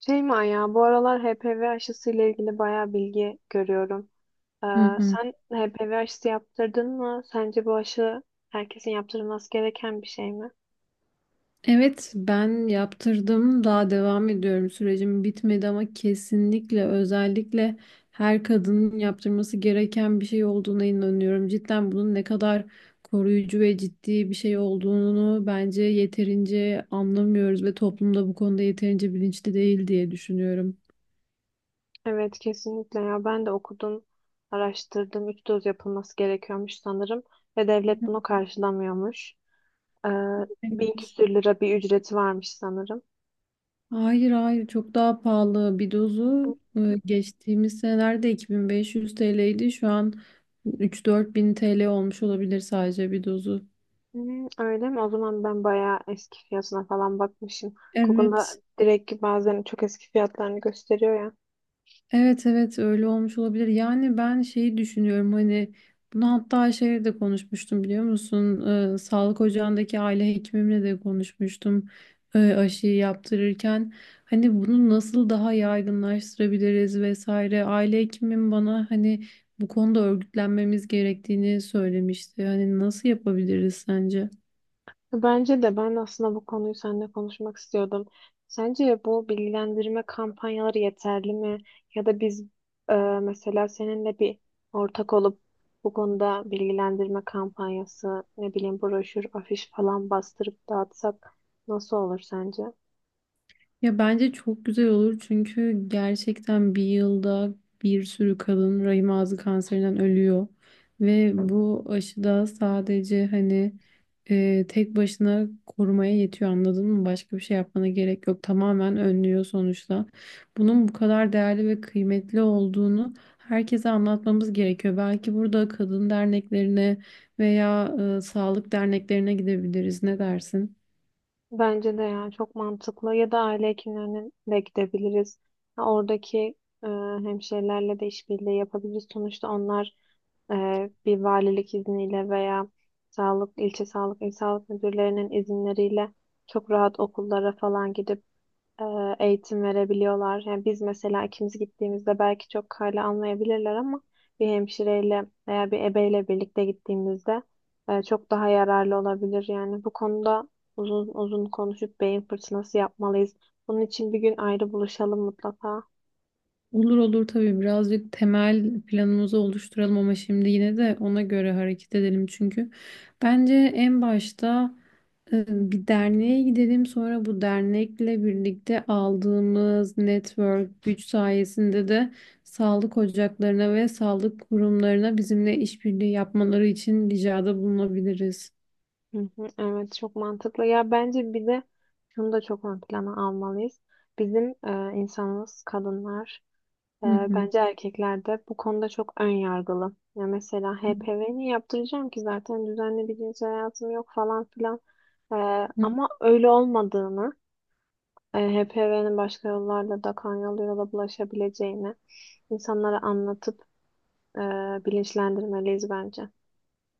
Şey mi ya, bu aralar HPV aşısı ile ilgili bayağı bilgi görüyorum. Ee, Hı hı. Sen HPV aşısı yaptırdın mı? Sence bu aşı herkesin yaptırılması gereken bir şey mi? Evet, ben yaptırdım. Daha devam ediyorum. Sürecim bitmedi ama kesinlikle özellikle her kadının yaptırması gereken bir şey olduğuna inanıyorum. Cidden bunun ne kadar koruyucu ve ciddi bir şey olduğunu bence yeterince anlamıyoruz ve toplumda bu konuda yeterince bilinçli değil diye düşünüyorum. Evet, kesinlikle ya. Ben de okudum, araştırdım. Üç doz yapılması gerekiyormuş sanırım ve devlet bunu karşılamıyormuş. Ee, Bin Evet. küsür lira bir ücreti varmış sanırım. Hayır hayır, çok daha pahalı. Bir dozu geçtiğimiz senelerde 2.500 TL'ydi. Şu an 3-4 bin TL olmuş olabilir, sadece bir dozu. Hmm, öyle mi? O zaman ben bayağı eski fiyatına falan bakmışım. Evet. Google'da direkt bazen çok eski fiyatlarını gösteriyor ya. Evet evet, öyle olmuş olabilir. Yani ben şeyi düşünüyorum, hani bunu hatta şeyle de konuşmuştum, biliyor musun? Sağlık ocağındaki aile hekimimle de konuşmuştum aşıyı yaptırırken. Hani bunu nasıl daha yaygınlaştırabiliriz vesaire. Aile hekimim bana hani bu konuda örgütlenmemiz gerektiğini söylemişti. Hani nasıl yapabiliriz sence? Bence de ben aslında bu konuyu seninle konuşmak istiyordum. Sence bu bilgilendirme kampanyaları yeterli mi? Ya da biz e, mesela seninle bir ortak olup bu konuda bilgilendirme kampanyası, ne bileyim broşür, afiş falan bastırıp dağıtsak nasıl olur sence? Ya bence çok güzel olur, çünkü gerçekten bir yılda bir sürü kadın rahim ağzı kanserinden ölüyor. Ve bu aşıda sadece hani tek başına korumaya yetiyor, anladın mı? Başka bir şey yapmana gerek yok. Tamamen önlüyor sonuçta. Bunun bu kadar değerli ve kıymetli olduğunu herkese anlatmamız gerekiyor. Belki burada kadın derneklerine veya sağlık derneklerine gidebiliriz. Ne dersin? Bence de ya çok mantıklı. Ya da aile hekimlerine de gidebiliriz. Ha, oradaki e, hemşirelerle de işbirliği yapabiliriz. Sonuçta onlar e, bir valilik izniyle veya sağlık ilçe sağlık il sağlık müdürlerinin izinleriyle çok rahat okullara falan gidip e, eğitim verebiliyorlar. Yani biz mesela ikimiz gittiğimizde belki çok hala anlayabilirler ama bir hemşireyle veya bir ebeyle birlikte gittiğimizde çok daha yararlı olabilir. Yani bu konuda uzun uzun konuşup beyin fırtınası yapmalıyız. Bunun için bir gün ayrı buluşalım mutlaka. Olur olur, tabii birazcık temel planımızı oluşturalım ama şimdi yine de ona göre hareket edelim, çünkü bence en başta e, bir derneğe gidelim, sonra bu dernekle birlikte aldığımız network güç sayesinde de sağlık ocaklarına ve sağlık kurumlarına bizimle işbirliği yapmaları için ricada bulunabiliriz. Hı hı, evet çok mantıklı. Ya bence bir de şunu da çok ön plana almalıyız. Bizim insanımız kadınlar. Hı hı. Bence erkekler de bu konuda çok ön yargılı. Ya mesela HPV niye yaptıracağım ki zaten düzenli bir cinsel hayatım yok falan filan. Ama öyle olmadığını, HPV'nin başka yollarla da kan yoluyla da bulaşabileceğini insanlara anlatıp e, bilinçlendirmeliyiz bence.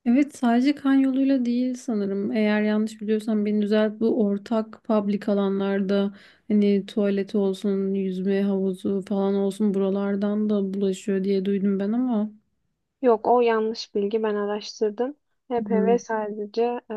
Evet, sadece kan yoluyla değil sanırım. Eğer yanlış biliyorsam beni düzelt. Bu ortak public alanlarda hani tuvaleti olsun, yüzme havuzu falan olsun, buralardan da bulaşıyor diye duydum ben ama. Yok, o yanlış bilgi, ben araştırdım. HPV Hı. sadece e,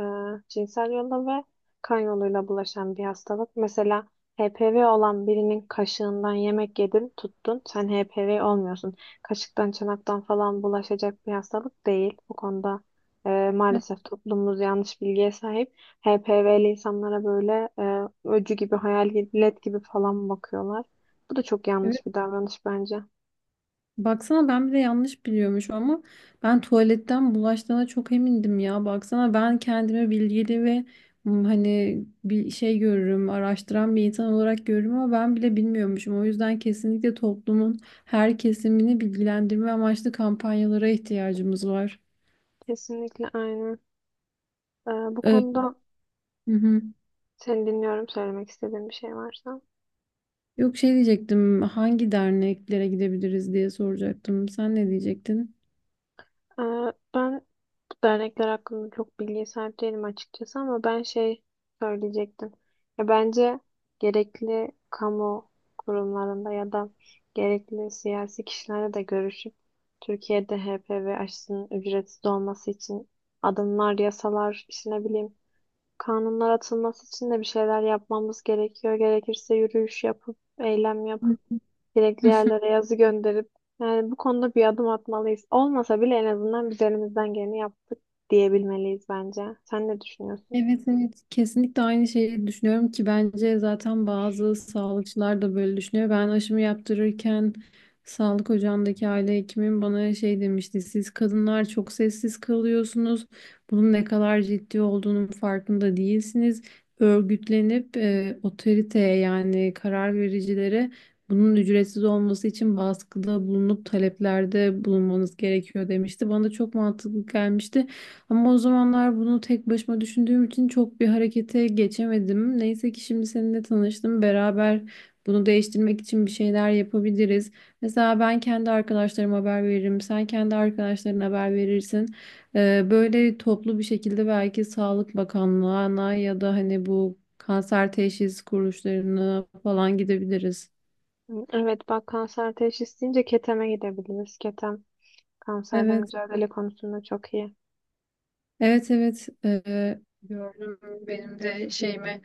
cinsel yolla ve kan yoluyla bulaşan bir hastalık. Mesela HPV olan birinin kaşığından yemek yedin, tuttun, sen HPV olmuyorsun. Kaşıktan çanaktan falan bulaşacak bir hastalık değil. Bu konuda maalesef toplumumuz yanlış bilgiye sahip. HPV'li insanlara böyle öcü gibi, hayalet gibi falan bakıyorlar. Bu da çok Evet. yanlış bir davranış bence. Baksana, ben bile yanlış biliyormuşum ama ben tuvaletten bulaştığına çok emindim ya. Baksana, ben kendimi bilgili ve hani bir şey görürüm, araştıran bir insan olarak görürüm ama ben bile bilmiyormuşum. O yüzden kesinlikle toplumun her kesimini bilgilendirme amaçlı kampanyalara ihtiyacımız var. Kesinlikle aynı. Ee, Bu Ee, konuda hı hı. seni dinliyorum, söylemek istediğin bir şey varsa. Yok, şey diyecektim, hangi derneklere gidebiliriz diye soracaktım. Sen ne diyecektin? Ee, Ben bu dernekler hakkında çok bilgiye sahip değilim açıkçası, ama ben şey söyleyecektim. Ya bence gerekli kamu kurumlarında ya da gerekli siyasi kişilerle de görüşüp Türkiye'de HPV aşısının ücretsiz olması için adımlar, yasalar, işte ne bileyim kanunlar atılması için de bir şeyler yapmamız gerekiyor. Gerekirse yürüyüş yapıp, eylem Hı yapıp, gerekli hı. yerlere yazı gönderip, yani bu konuda bir adım atmalıyız. Olmasa bile en azından biz elimizden geleni yaptık diyebilmeliyiz bence. Sen ne düşünüyorsun? Evet evet, kesinlikle aynı şeyi düşünüyorum ki bence zaten bazı sağlıkçılar da böyle düşünüyor. Ben aşımı yaptırırken sağlık ocağındaki aile hekimim bana şey demişti. Siz kadınlar çok sessiz kalıyorsunuz. Bunun ne kadar ciddi olduğunun farkında değilsiniz. Örgütlenip otoriteye, yani karar vericilere bunun ücretsiz olması için baskıda bulunup taleplerde bulunmanız gerekiyor demişti. Bana da çok mantıklı gelmişti. Ama o zamanlar bunu tek başıma düşündüğüm için çok bir harekete geçemedim. Neyse ki şimdi seninle tanıştım. Beraber bunu değiştirmek için bir şeyler yapabiliriz. Mesela ben kendi arkadaşlarıma haber veririm. Sen kendi arkadaşlarına haber verirsin. Böyle toplu bir şekilde belki Sağlık Bakanlığı'na ya da hani bu kanser teşhis kuruluşlarına falan gidebiliriz. Evet, bak, kanser teşhis deyince Keteme gidebiliriz. Ketem kanserle Evet, mücadele konusunda çok iyi. evet, evet. Gördüm benim de şeyimi.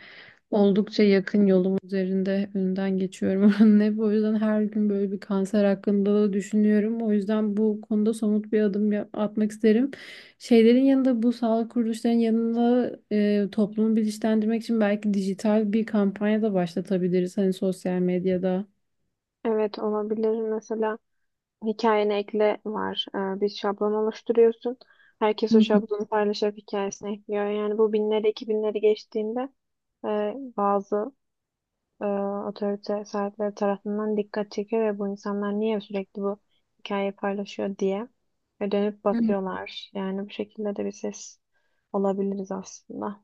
Oldukça yakın, yolum üzerinde, önünden geçiyorum oranın hep. O yüzden her gün böyle bir kanser hakkında da düşünüyorum. O yüzden bu konuda somut bir adım atmak isterim. Şeylerin yanında, bu sağlık kuruluşlarının yanında toplumu bilinçlendirmek için belki dijital bir kampanya da başlatabiliriz. Hani sosyal medyada. Evet, olabilir mesela. Hikayene ekle var. Bir şablon oluşturuyorsun. Herkes o Hı şablonu paylaşarak hikayesine ekliyor. Yani bu binleri, iki binleri geçtiğinde e, bazı e, otorite sahipleri tarafından dikkat çekiyor ve bu insanlar niye sürekli bu hikayeyi paylaşıyor diye ve dönüp hı. bakıyorlar. Yani bu şekilde de bir ses olabiliriz aslında.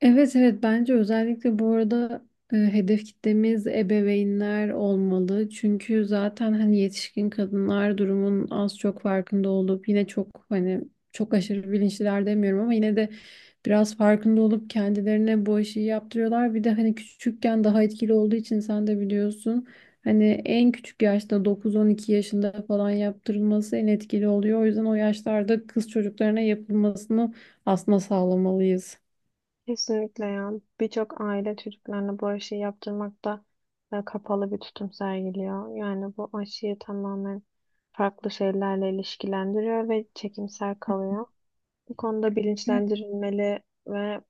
Evet evet, bence özellikle bu arada hedef kitlemiz ebeveynler olmalı. Çünkü zaten hani yetişkin kadınlar durumun az çok farkında olup, yine çok hani çok aşırı bilinçliler demiyorum ama yine de biraz farkında olup kendilerine bu işi yaptırıyorlar. Bir de hani küçükken daha etkili olduğu için, sen de biliyorsun, hani en küçük yaşta dokuz on iki yaşında falan yaptırılması en etkili oluyor. O yüzden o yaşlarda kız çocuklarına yapılmasını aslında sağlamalıyız. Kesinlikle ya. Birçok aile çocuklarına bu aşıyı yaptırmakta kapalı bir tutum sergiliyor. Yani bu aşıyı tamamen farklı şeylerle ilişkilendiriyor ve çekimsel kalıyor. Bu konuda bilinçlendirilmeli ve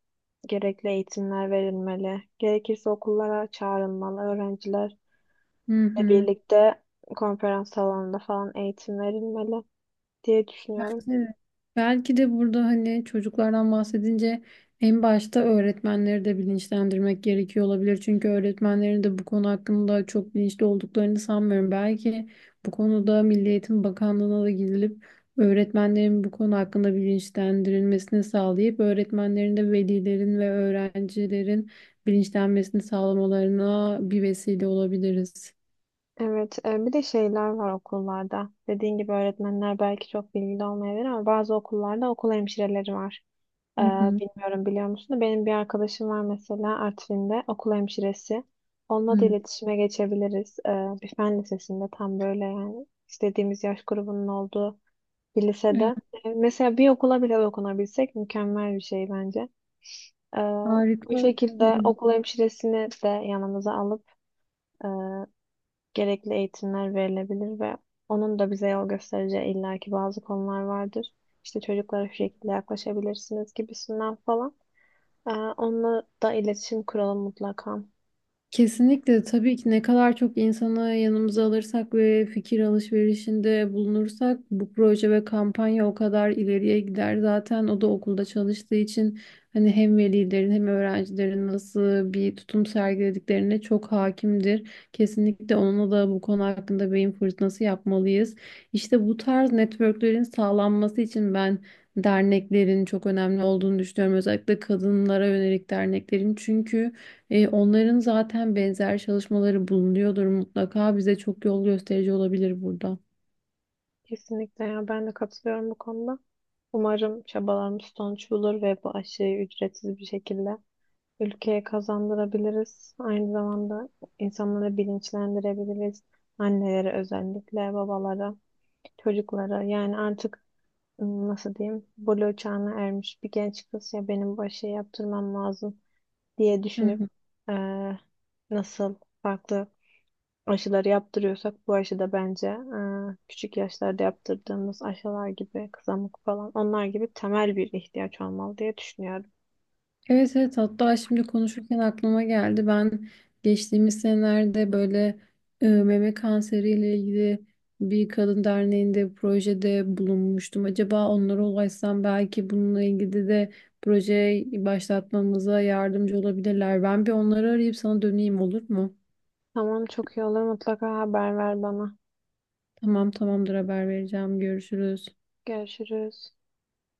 gerekli eğitimler verilmeli. Gerekirse okullara çağrılmalı. Öğrencilerle Hı hı. birlikte konferans salonunda falan eğitim verilmeli diye düşünüyorum. Belki de, belki de burada hani çocuklardan bahsedince en başta öğretmenleri de bilinçlendirmek gerekiyor olabilir. Çünkü öğretmenlerin de bu konu hakkında çok bilinçli olduklarını sanmıyorum. Belki bu konuda Milli Eğitim Bakanlığı'na da gidilip öğretmenlerin bu konu hakkında bilinçlendirilmesini sağlayıp öğretmenlerin de velilerin ve öğrencilerin bilinçlenmesini sağlamalarına bir vesile olabiliriz. Evet, bir de şeyler var okullarda. Dediğin gibi öğretmenler belki çok bilgili olmayabilir, ama bazı okullarda okul hemşireleri var. E, Hı hı. Bilmiyorum, biliyor musun da benim bir arkadaşım var mesela Artvin'de okul hemşiresi. Onunla da Hı. iletişime geçebiliriz. Bir fen lisesinde, tam böyle yani istediğimiz yaş grubunun olduğu bir Evet, lisede. Mesela bir okula bile dokunabilsek mükemmel bir şey bence. E, harika Bu şekilde olabilir. okul hemşiresini de yanımıza alıp e, gerekli eğitimler verilebilir ve onun da bize yol göstereceği illaki bazı konular vardır. İşte çocuklara şu şekilde yaklaşabilirsiniz gibisinden falan. Ee, Onunla da iletişim kuralım mutlaka. Kesinlikle, tabii ki ne kadar çok insanı yanımıza alırsak ve fikir alışverişinde bulunursak bu proje ve kampanya o kadar ileriye gider. Zaten o da okulda çalıştığı için hani hem velilerin hem öğrencilerin nasıl bir tutum sergilediklerine çok hakimdir. Kesinlikle onunla da bu konu hakkında beyin fırtınası yapmalıyız. İşte bu tarz networklerin sağlanması için ben derneklerin çok önemli olduğunu düşünüyorum. Özellikle kadınlara yönelik derneklerin, çünkü onların zaten benzer çalışmaları bulunuyordur mutlaka. Bize çok yol gösterici olabilir burada. Kesinlikle ya, ben de katılıyorum bu konuda. Umarım çabalarımız sonuç bulur ve bu aşıyı ücretsiz bir şekilde ülkeye kazandırabiliriz. Aynı zamanda insanları bilinçlendirebiliriz. Annelere özellikle, babalara, çocuklara, yani artık nasıl diyeyim, buluğ çağına ermiş bir genç kız ya benim bu şey yaptırmam lazım diye Hı düşünüp hı. eee, nasıl farklı aşıları yaptırıyorsak, bu aşı da bence küçük yaşlarda yaptırdığımız aşılar gibi, kızamık falan, onlar gibi temel bir ihtiyaç olmalı diye düşünüyorum. Evet evet, hatta şimdi konuşurken aklıma geldi. Ben geçtiğimiz senelerde böyle meme kanseriyle ilgili bir kadın derneğinde projede bulunmuştum. Acaba onlara ulaşsam belki bununla ilgili de proje başlatmamıza yardımcı olabilirler. Ben bir onları arayıp sana döneyim, olur mu? Tamam, çok iyi olur, mutlaka haber ver bana. Tamam, tamamdır, haber vereceğim. Görüşürüz. Görüşürüz.